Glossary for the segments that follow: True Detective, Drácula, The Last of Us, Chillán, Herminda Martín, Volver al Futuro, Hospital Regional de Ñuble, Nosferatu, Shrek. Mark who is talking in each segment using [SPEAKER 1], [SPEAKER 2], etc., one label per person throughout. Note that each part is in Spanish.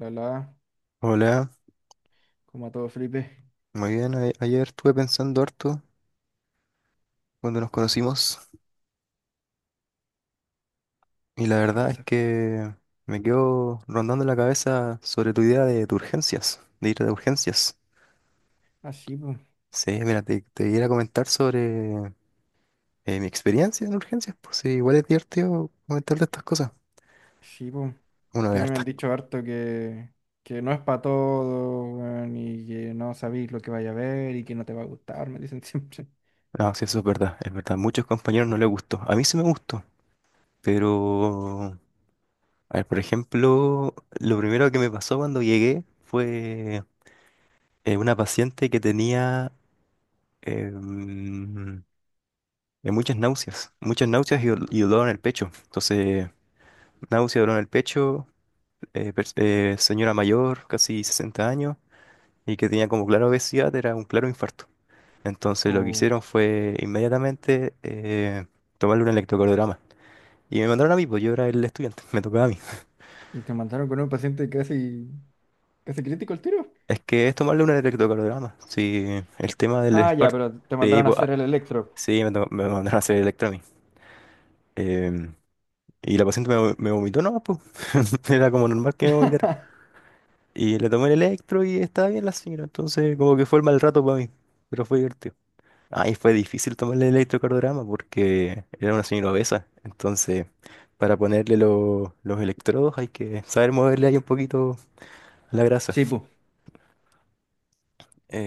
[SPEAKER 1] La la,
[SPEAKER 2] Hola,
[SPEAKER 1] como a todo Felipe.
[SPEAKER 2] muy bien. Ayer estuve pensando harto cuando nos conocimos y la
[SPEAKER 1] ¿Qué
[SPEAKER 2] verdad es
[SPEAKER 1] cosa?
[SPEAKER 2] que me quedo rondando la cabeza sobre tu idea de urgencias, de ir a urgencias.
[SPEAKER 1] Ah, sí, pues,
[SPEAKER 2] Sí, mira, te iba a comentar sobre mi experiencia en urgencias, pues sí, igual es divertido comentar de estas cosas.
[SPEAKER 1] sí, pues.
[SPEAKER 2] Uno
[SPEAKER 1] Que
[SPEAKER 2] de
[SPEAKER 1] a mí me han
[SPEAKER 2] hartas.
[SPEAKER 1] dicho harto que no es para todo, weón, y que no sabéis lo que vaya a ver y que no te va a gustar, me dicen siempre.
[SPEAKER 2] No, sí, eso es verdad, es verdad. Muchos compañeros no les gustó. A mí sí me gustó, pero, a ver, por ejemplo, lo primero que me pasó cuando llegué fue una paciente que tenía eh, mm, de muchas náuseas y, y dolor en el pecho. Entonces, náusea, dolor en el pecho, señora mayor, casi 60 años, y que tenía como clara obesidad, era un claro infarto. Entonces, lo que
[SPEAKER 1] Oh,
[SPEAKER 2] hicieron fue inmediatamente tomarle un electrocardiograma. Y me mandaron a mí, pues yo era el estudiante, me tocaba a mí.
[SPEAKER 1] y te mandaron con un paciente casi crítico el tiro.
[SPEAKER 2] Es que es tomarle un electrocardiograma. Sí, el tema del
[SPEAKER 1] Ah, ya,
[SPEAKER 2] infarto.
[SPEAKER 1] pero te
[SPEAKER 2] Sí,
[SPEAKER 1] mandaron a
[SPEAKER 2] pues, ah,
[SPEAKER 1] hacer el electro.
[SPEAKER 2] sí, me mandaron a hacer electro a mí. Y la paciente me vomitó, no, pues. Era como normal que me vomitara. Y le tomé el electro y estaba bien la señora. Entonces, como que fue el mal rato para mí. Pero fue divertido. Ahí fue difícil tomarle el electrocardiograma porque era una señora obesa. Entonces, para ponerle los electrodos hay que saber moverle ahí un poquito la grasa.
[SPEAKER 1] Sí, pues.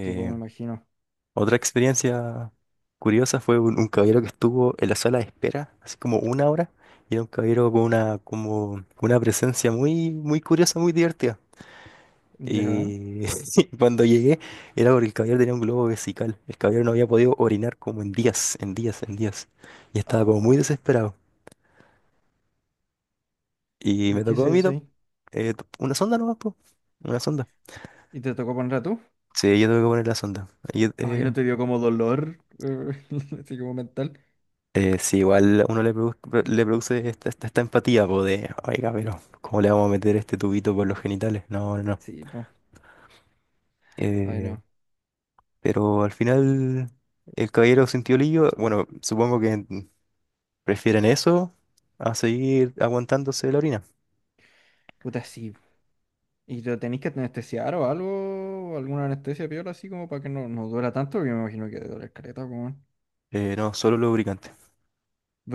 [SPEAKER 1] Sí, pues, me imagino.
[SPEAKER 2] otra experiencia curiosa fue un caballero que estuvo en la sala de espera, así como una hora. Y era un caballero con una, como, una presencia muy curiosa, muy divertida.
[SPEAKER 1] Ya.
[SPEAKER 2] Y cuando llegué era porque el caballero tenía un globo vesical. El caballero no había podido orinar como en días, en días, en días. Y estaba como muy
[SPEAKER 1] Oh,
[SPEAKER 2] desesperado. Y
[SPEAKER 1] ¿y
[SPEAKER 2] me
[SPEAKER 1] qué
[SPEAKER 2] tocó a
[SPEAKER 1] se
[SPEAKER 2] mí,
[SPEAKER 1] hace
[SPEAKER 2] ¿no?
[SPEAKER 1] ahí?
[SPEAKER 2] Una sonda nomás, po. Una sonda.
[SPEAKER 1] ¿Y te tocó poner a tú?
[SPEAKER 2] Sí, yo tuve que poner la sonda. Ahí
[SPEAKER 1] Ay, ¿no te dio como dolor? Así como mental.
[SPEAKER 2] Sí, igual a uno le produce esta empatía, po, de, oiga, pero ¿cómo le vamos a meter este tubito por los genitales? No, no, no.
[SPEAKER 1] Sí, pues. Ay,
[SPEAKER 2] Eh,
[SPEAKER 1] no.
[SPEAKER 2] pero al final el caballero sintió lío, bueno, supongo que... Prefieren eso a seguir aguantándose la orina.
[SPEAKER 1] Puta, sí. ¿Y lo tenéis que anestesiar o algo? ¿Alguna anestesia piola así como para que no duela tanto? Yo me imagino que duele doler caleta, weón.
[SPEAKER 2] No, solo lubricante.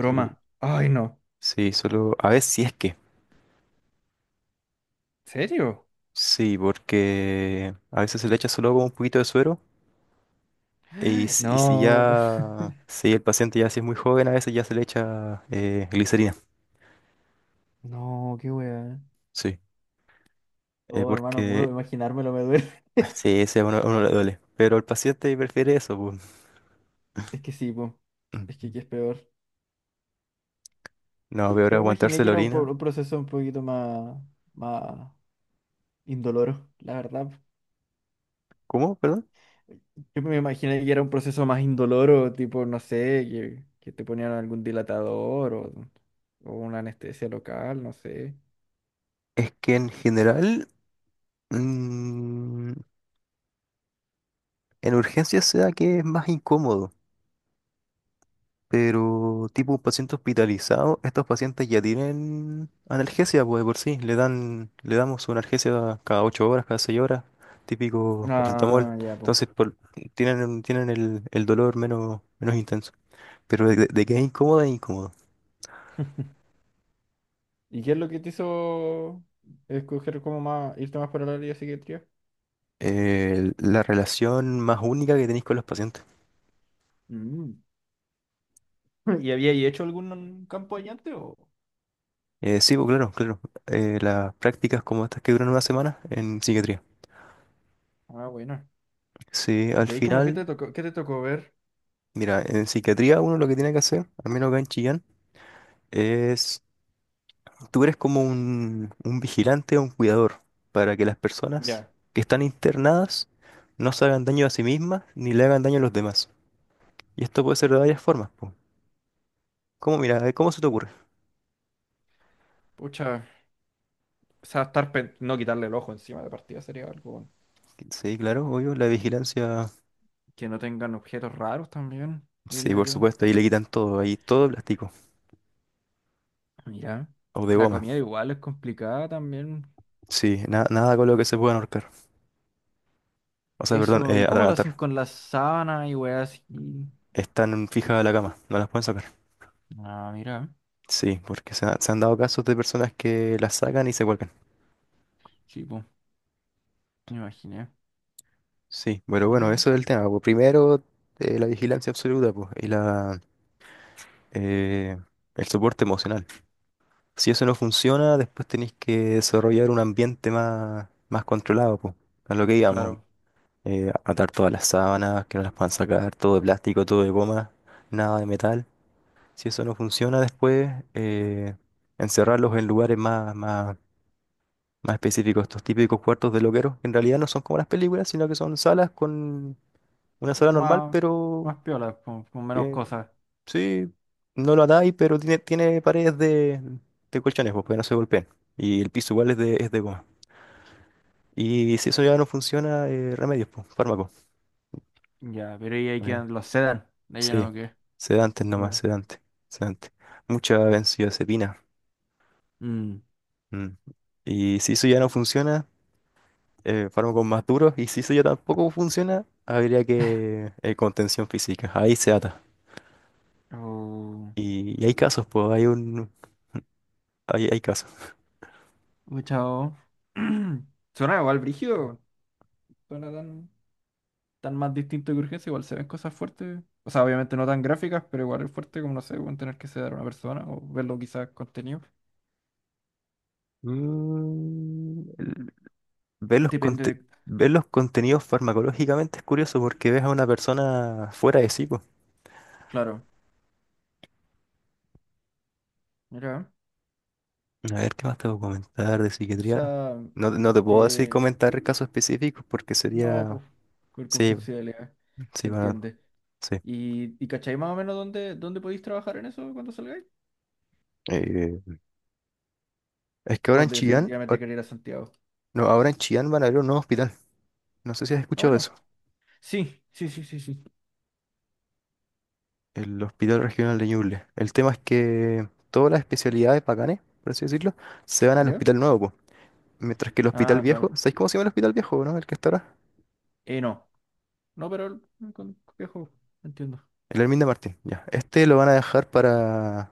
[SPEAKER 2] Sí,
[SPEAKER 1] Ay, no.
[SPEAKER 2] sí, solo. A veces si es que.
[SPEAKER 1] ¿Serio?
[SPEAKER 2] Sí, porque a veces se le echa solo como un poquito de suero. Si y si
[SPEAKER 1] No,
[SPEAKER 2] ya. Si el paciente ya si es muy joven, a veces ya se le echa glicerina.
[SPEAKER 1] no, qué weá.
[SPEAKER 2] Sí.
[SPEAKER 1] Oh, hermano, puro
[SPEAKER 2] Porque.
[SPEAKER 1] imaginármelo me duele.
[SPEAKER 2] Sí, ese a uno le duele. Pero el paciente prefiere eso, pues.
[SPEAKER 1] Es que sí, po.
[SPEAKER 2] Ujú.
[SPEAKER 1] Que es peor.
[SPEAKER 2] No, peor
[SPEAKER 1] Yo me imaginé
[SPEAKER 2] aguantarse
[SPEAKER 1] que
[SPEAKER 2] la
[SPEAKER 1] era un, po-
[SPEAKER 2] orina.
[SPEAKER 1] un proceso un poquito más, más indoloro, la verdad.
[SPEAKER 2] ¿Cómo? ¿Perdón?
[SPEAKER 1] Yo me imaginé que era un proceso más indoloro, tipo, no sé, que te ponían algún dilatador o una anestesia local, no sé.
[SPEAKER 2] Es que en general. mm, En urgencias se da que es más incómodo, pero tipo un paciente hospitalizado, estos pacientes ya tienen analgesia, pues de por sí, le dan, le damos una analgesia cada 8 horas, cada 6 horas, típico paracetamol,
[SPEAKER 1] Ah, ya, pues.
[SPEAKER 2] entonces por- tienen, tienen el dolor menos, menos intenso. Pero de que es incómodo, es incómodo.
[SPEAKER 1] ¿Y qué es lo que te hizo escoger como más, irte más por el área de psiquiatría?
[SPEAKER 2] La relación más única que tenéis con los pacientes.
[SPEAKER 1] Mm. ¿Y había hecho algún campo allá antes o?
[SPEAKER 2] Sí, pues claro, claro. Las prácticas como estas que duran una semana en psiquiatría.
[SPEAKER 1] Ah, bueno.
[SPEAKER 2] Sí, al
[SPEAKER 1] ¿Y ahí como
[SPEAKER 2] final
[SPEAKER 1] qué te tocó ver?
[SPEAKER 2] mira, en psiquiatría uno lo que tiene que hacer, al menos acá en Chillán, es, tú eres como un vigilante o un cuidador para que las personas
[SPEAKER 1] Ya.
[SPEAKER 2] que están internadas no se hagan daño a sí mismas ni le hagan daño a los demás. Y esto puede ser de varias formas, po. ¿Cómo, mira, cómo se te ocurre?
[SPEAKER 1] Pucha, o sea, estar pen- no quitarle el ojo encima de partida sería algo. Bueno.
[SPEAKER 2] Sí, claro, obvio, la vigilancia,
[SPEAKER 1] Que no tengan objetos raros también,
[SPEAKER 2] sí,
[SPEAKER 1] diría
[SPEAKER 2] por
[SPEAKER 1] yo.
[SPEAKER 2] supuesto, ahí le quitan todo, ahí todo de plástico
[SPEAKER 1] Mira,
[SPEAKER 2] o de
[SPEAKER 1] la
[SPEAKER 2] goma.
[SPEAKER 1] comida igual es complicada también.
[SPEAKER 2] Sí, nada con lo que se puedan ahorcar. O sea, perdón,
[SPEAKER 1] Eso, ¿y cómo lo hacen
[SPEAKER 2] atragantar.
[SPEAKER 1] con las sábanas y weas así?
[SPEAKER 2] Están fijas a la cama, no las pueden sacar.
[SPEAKER 1] Ah, mira,
[SPEAKER 2] Sí, porque se han dado casos de personas que las sacan y se cuelgan.
[SPEAKER 1] sí, pues, me imaginé.
[SPEAKER 2] Sí, pero bueno,
[SPEAKER 1] Mira,
[SPEAKER 2] eso es el tema. Pues. Primero, la vigilancia absoluta, pues, eh, el soporte emocional. Si eso no funciona, después tenéis que desarrollar un ambiente más, más controlado, pues, a lo que digamos.
[SPEAKER 1] claro,
[SPEAKER 2] Atar todas las sábanas, que no las puedan sacar, todo de plástico, todo de goma, nada de metal. Si eso no funciona, después eh, encerrarlos en lugares más, más Más específico, estos típicos cuartos de loqueros, que en realidad no son como las películas, sino que son salas con una sala normal,
[SPEAKER 1] más,
[SPEAKER 2] pero
[SPEAKER 1] más piolas, con menos
[SPEAKER 2] que
[SPEAKER 1] cosas.
[SPEAKER 2] sí, no lo atáis, pero tiene paredes de colchones, pues, para que no se golpeen. Y el piso igual es es de goma. Y si eso ya no funciona, remedios, pues, fármacos.
[SPEAKER 1] Ya, pero y ahí
[SPEAKER 2] Ay,
[SPEAKER 1] quedan los sedan, de lleno
[SPEAKER 2] sí,
[SPEAKER 1] o qué.
[SPEAKER 2] sedantes nomás,
[SPEAKER 1] Oh,
[SPEAKER 2] sedantes, sedantes. Mucha benzodiazepina.
[SPEAKER 1] mm,
[SPEAKER 2] Mm. Y si eso ya no funciona, fármacos más duros y si eso ya tampoco funciona, habría que contención física. Ahí se ata.
[SPEAKER 1] oh,
[SPEAKER 2] Y hay casos, pues hay un hay, hay casos.
[SPEAKER 1] oh, chao. Suena igual brígido, suena tan, tan más distinto que urgencia, igual se ven cosas fuertes. O sea, obviamente no tan gráficas, pero igual es fuerte como, no sé, pueden tener que sedar a una persona o verlo quizás contenido.
[SPEAKER 2] Mm, el- ver los
[SPEAKER 1] Depende
[SPEAKER 2] conte-
[SPEAKER 1] de...
[SPEAKER 2] Ver los contenidos farmacológicamente es curioso porque ves a una persona fuera de sí, pues.
[SPEAKER 1] Claro, mira,
[SPEAKER 2] A ver, ¿qué más te puedo comentar de
[SPEAKER 1] o
[SPEAKER 2] psiquiatría?
[SPEAKER 1] sea,
[SPEAKER 2] No, no te puedo decir
[SPEAKER 1] de...
[SPEAKER 2] comentar casos específicos porque
[SPEAKER 1] No,
[SPEAKER 2] sería...
[SPEAKER 1] pues, con
[SPEAKER 2] Sí,
[SPEAKER 1] confidencialidad, se
[SPEAKER 2] sí, bueno,
[SPEAKER 1] entiende.
[SPEAKER 2] sí.
[SPEAKER 1] ¿Y cacháis más o menos dónde, dónde podéis trabajar en eso cuando salgáis?
[SPEAKER 2] Eh, es que ahora
[SPEAKER 1] ¿O
[SPEAKER 2] en Chillán,
[SPEAKER 1] definitivamente queréis ir a Santiago?
[SPEAKER 2] no, ahora en Chillán van a abrir un nuevo hospital. No sé si has
[SPEAKER 1] Ah,
[SPEAKER 2] escuchado
[SPEAKER 1] bueno.
[SPEAKER 2] eso.
[SPEAKER 1] Sí, sí, sí, sí, sí.
[SPEAKER 2] El Hospital Regional de Ñuble. El tema es que todas las especialidades bacanes, por así decirlo, se van al
[SPEAKER 1] ¿Ya?
[SPEAKER 2] hospital nuevo, po. Mientras que el hospital
[SPEAKER 1] Ah,
[SPEAKER 2] viejo,
[SPEAKER 1] claro.
[SPEAKER 2] ¿sabéis cómo se llama el hospital viejo, no? El que está ahora.
[SPEAKER 1] No. No, pero el- con viejo, entiendo.
[SPEAKER 2] El Hermín de Martín, ya. Este lo van a dejar para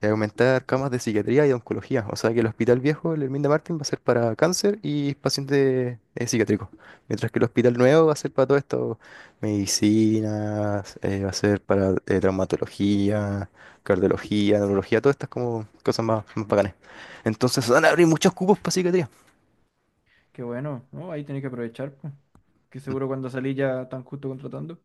[SPEAKER 2] aumentar camas de psiquiatría y de oncología. O sea que el Hospital Viejo, el Herminda Martín, va a ser para cáncer y pacientes psiquiátricos. Mientras que el Hospital Nuevo va a ser para todo esto, medicinas, va a ser para traumatología, cardiología, neurología, todas estas como cosas más, más bacanes. Entonces van a abrir muchos cupos para psiquiatría.
[SPEAKER 1] Qué bueno, ¿no? Ahí tenés que aprovechar, pues. Que
[SPEAKER 2] Mm.
[SPEAKER 1] seguro cuando salís ya tan justo contratando.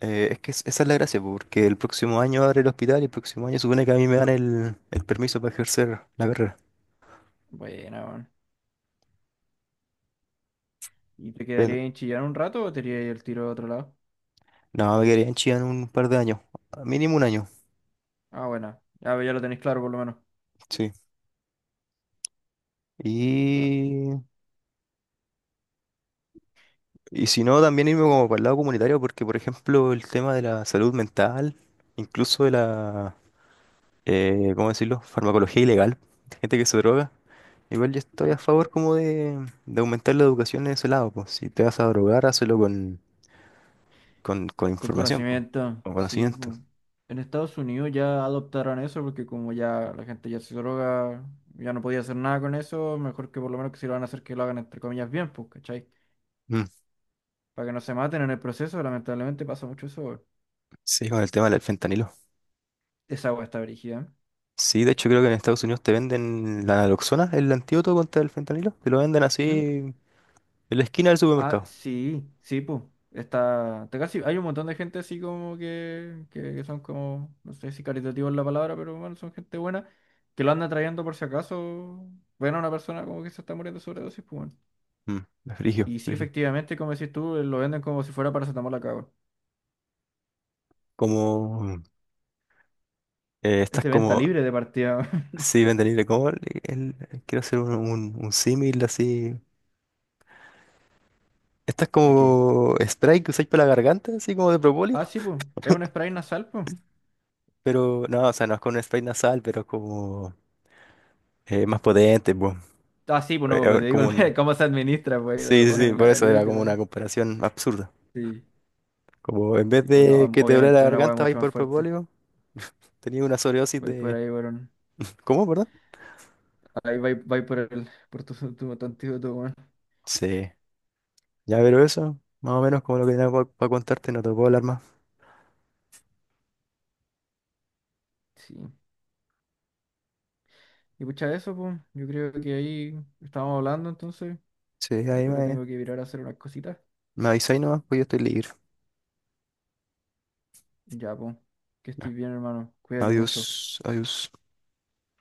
[SPEAKER 2] Esa es la gracia, po, porque el próximo año abre el hospital y el próximo año supone que a mí me dan el permiso para ejercer la carrera.
[SPEAKER 1] Buena, weón. ¿Y te quedaría
[SPEAKER 2] Pero
[SPEAKER 1] en Chillán un rato o te irías el tiro a otro lado?
[SPEAKER 2] no, me quedaría en Chillán un par de años, mínimo un año.
[SPEAKER 1] Ah, buena, ya, pues ya lo tenéis claro por lo menos.
[SPEAKER 2] Sí.
[SPEAKER 1] Sí, va,
[SPEAKER 2] Y, y si no, también irme como para el lado comunitario, porque por ejemplo el tema de la salud mental, incluso de la, ¿cómo decirlo?, farmacología ilegal, gente que se droga, igual yo estoy a
[SPEAKER 1] claro.
[SPEAKER 2] favor como de aumentar la educación en ese lado, pues si te vas a drogar, hazlo con, con
[SPEAKER 1] Con
[SPEAKER 2] información, pues,
[SPEAKER 1] conocimiento,
[SPEAKER 2] con
[SPEAKER 1] sí,
[SPEAKER 2] conocimiento.
[SPEAKER 1] pues. En Estados Unidos ya adoptaron eso porque como ya la gente ya se droga, ya no podía hacer nada con eso, mejor que por lo menos que si lo van a hacer que lo hagan entre comillas bien, pues, ¿cachai?
[SPEAKER 2] Mm.
[SPEAKER 1] Para que no se maten en el proceso, lamentablemente pasa mucho eso, weón.
[SPEAKER 2] Sí, con el tema del fentanilo.
[SPEAKER 1] Esa agua está brígida.
[SPEAKER 2] Sí, de hecho creo que en Estados Unidos te venden la naloxona, el antídoto contra el fentanilo, te lo venden así
[SPEAKER 1] ¿Eh? ¿Mm?
[SPEAKER 2] en la esquina del
[SPEAKER 1] Ah,
[SPEAKER 2] supermercado.
[SPEAKER 1] sí, sí, pues. Está, te casi, hay un montón de gente así como que son como, no sé si caritativos es la palabra, pero bueno, son gente buena, que lo andan trayendo por si acaso ven a una persona como que se está muriendo de sobredosis, pues bueno.
[SPEAKER 2] Mm, es frigio,
[SPEAKER 1] Y sí, efectivamente, como decís tú, lo venden como si fuera paracetamol acá, weón.
[SPEAKER 2] como
[SPEAKER 1] Es
[SPEAKER 2] estás
[SPEAKER 1] de venta
[SPEAKER 2] como,
[SPEAKER 1] libre de partida. Weón.
[SPEAKER 2] sí, venden libre, como el, quiero hacer un, un símil así. Estás
[SPEAKER 1] ¿De qué?
[SPEAKER 2] como spray que usáis para la garganta, así como de propóleo,
[SPEAKER 1] Ah, sí, pues. Es un spray nasal, pues.
[SPEAKER 2] pero no, o sea, no es con spray nasal, pero es como más potente, pues.
[SPEAKER 1] Ah, sí, pues no, pues
[SPEAKER 2] A
[SPEAKER 1] pero te
[SPEAKER 2] ver,
[SPEAKER 1] digo
[SPEAKER 2] como un...
[SPEAKER 1] el- cómo se administra, pues. Te
[SPEAKER 2] Sí,
[SPEAKER 1] lo
[SPEAKER 2] sí,
[SPEAKER 1] ponen
[SPEAKER 2] sí,
[SPEAKER 1] en la
[SPEAKER 2] por eso
[SPEAKER 1] nariz, y
[SPEAKER 2] era
[SPEAKER 1] te
[SPEAKER 2] como
[SPEAKER 1] lo...
[SPEAKER 2] una comparación absurda.
[SPEAKER 1] Sí,
[SPEAKER 2] Como en vez
[SPEAKER 1] sí, pues no,
[SPEAKER 2] de que te duele la
[SPEAKER 1] obviamente una hueá
[SPEAKER 2] garganta, vais
[SPEAKER 1] mucho más
[SPEAKER 2] por
[SPEAKER 1] fuerte.
[SPEAKER 2] propóleo, tenía una sobredosis
[SPEAKER 1] Voy por
[SPEAKER 2] de...
[SPEAKER 1] ahí, weón.
[SPEAKER 2] ¿Cómo, perdón?
[SPEAKER 1] Ahí va, va por el, por tu, tu antídoto, weón.
[SPEAKER 2] Sí, ya pero eso, más o menos como lo que tenía para contarte, no te puedo hablar más.
[SPEAKER 1] Sí. Y pucha, eso, pues, yo creo que ahí estábamos hablando, entonces.
[SPEAKER 2] Sí,
[SPEAKER 1] Yo
[SPEAKER 2] ahí
[SPEAKER 1] ahora
[SPEAKER 2] me...
[SPEAKER 1] tengo que virar a hacer unas cositas.
[SPEAKER 2] Me avisáis nomás, pues yo estoy libre.
[SPEAKER 1] Ya, pues, que
[SPEAKER 2] Ya.
[SPEAKER 1] estés bien, hermano. Cuídate
[SPEAKER 2] Adiós,
[SPEAKER 1] mucho.
[SPEAKER 2] adiós.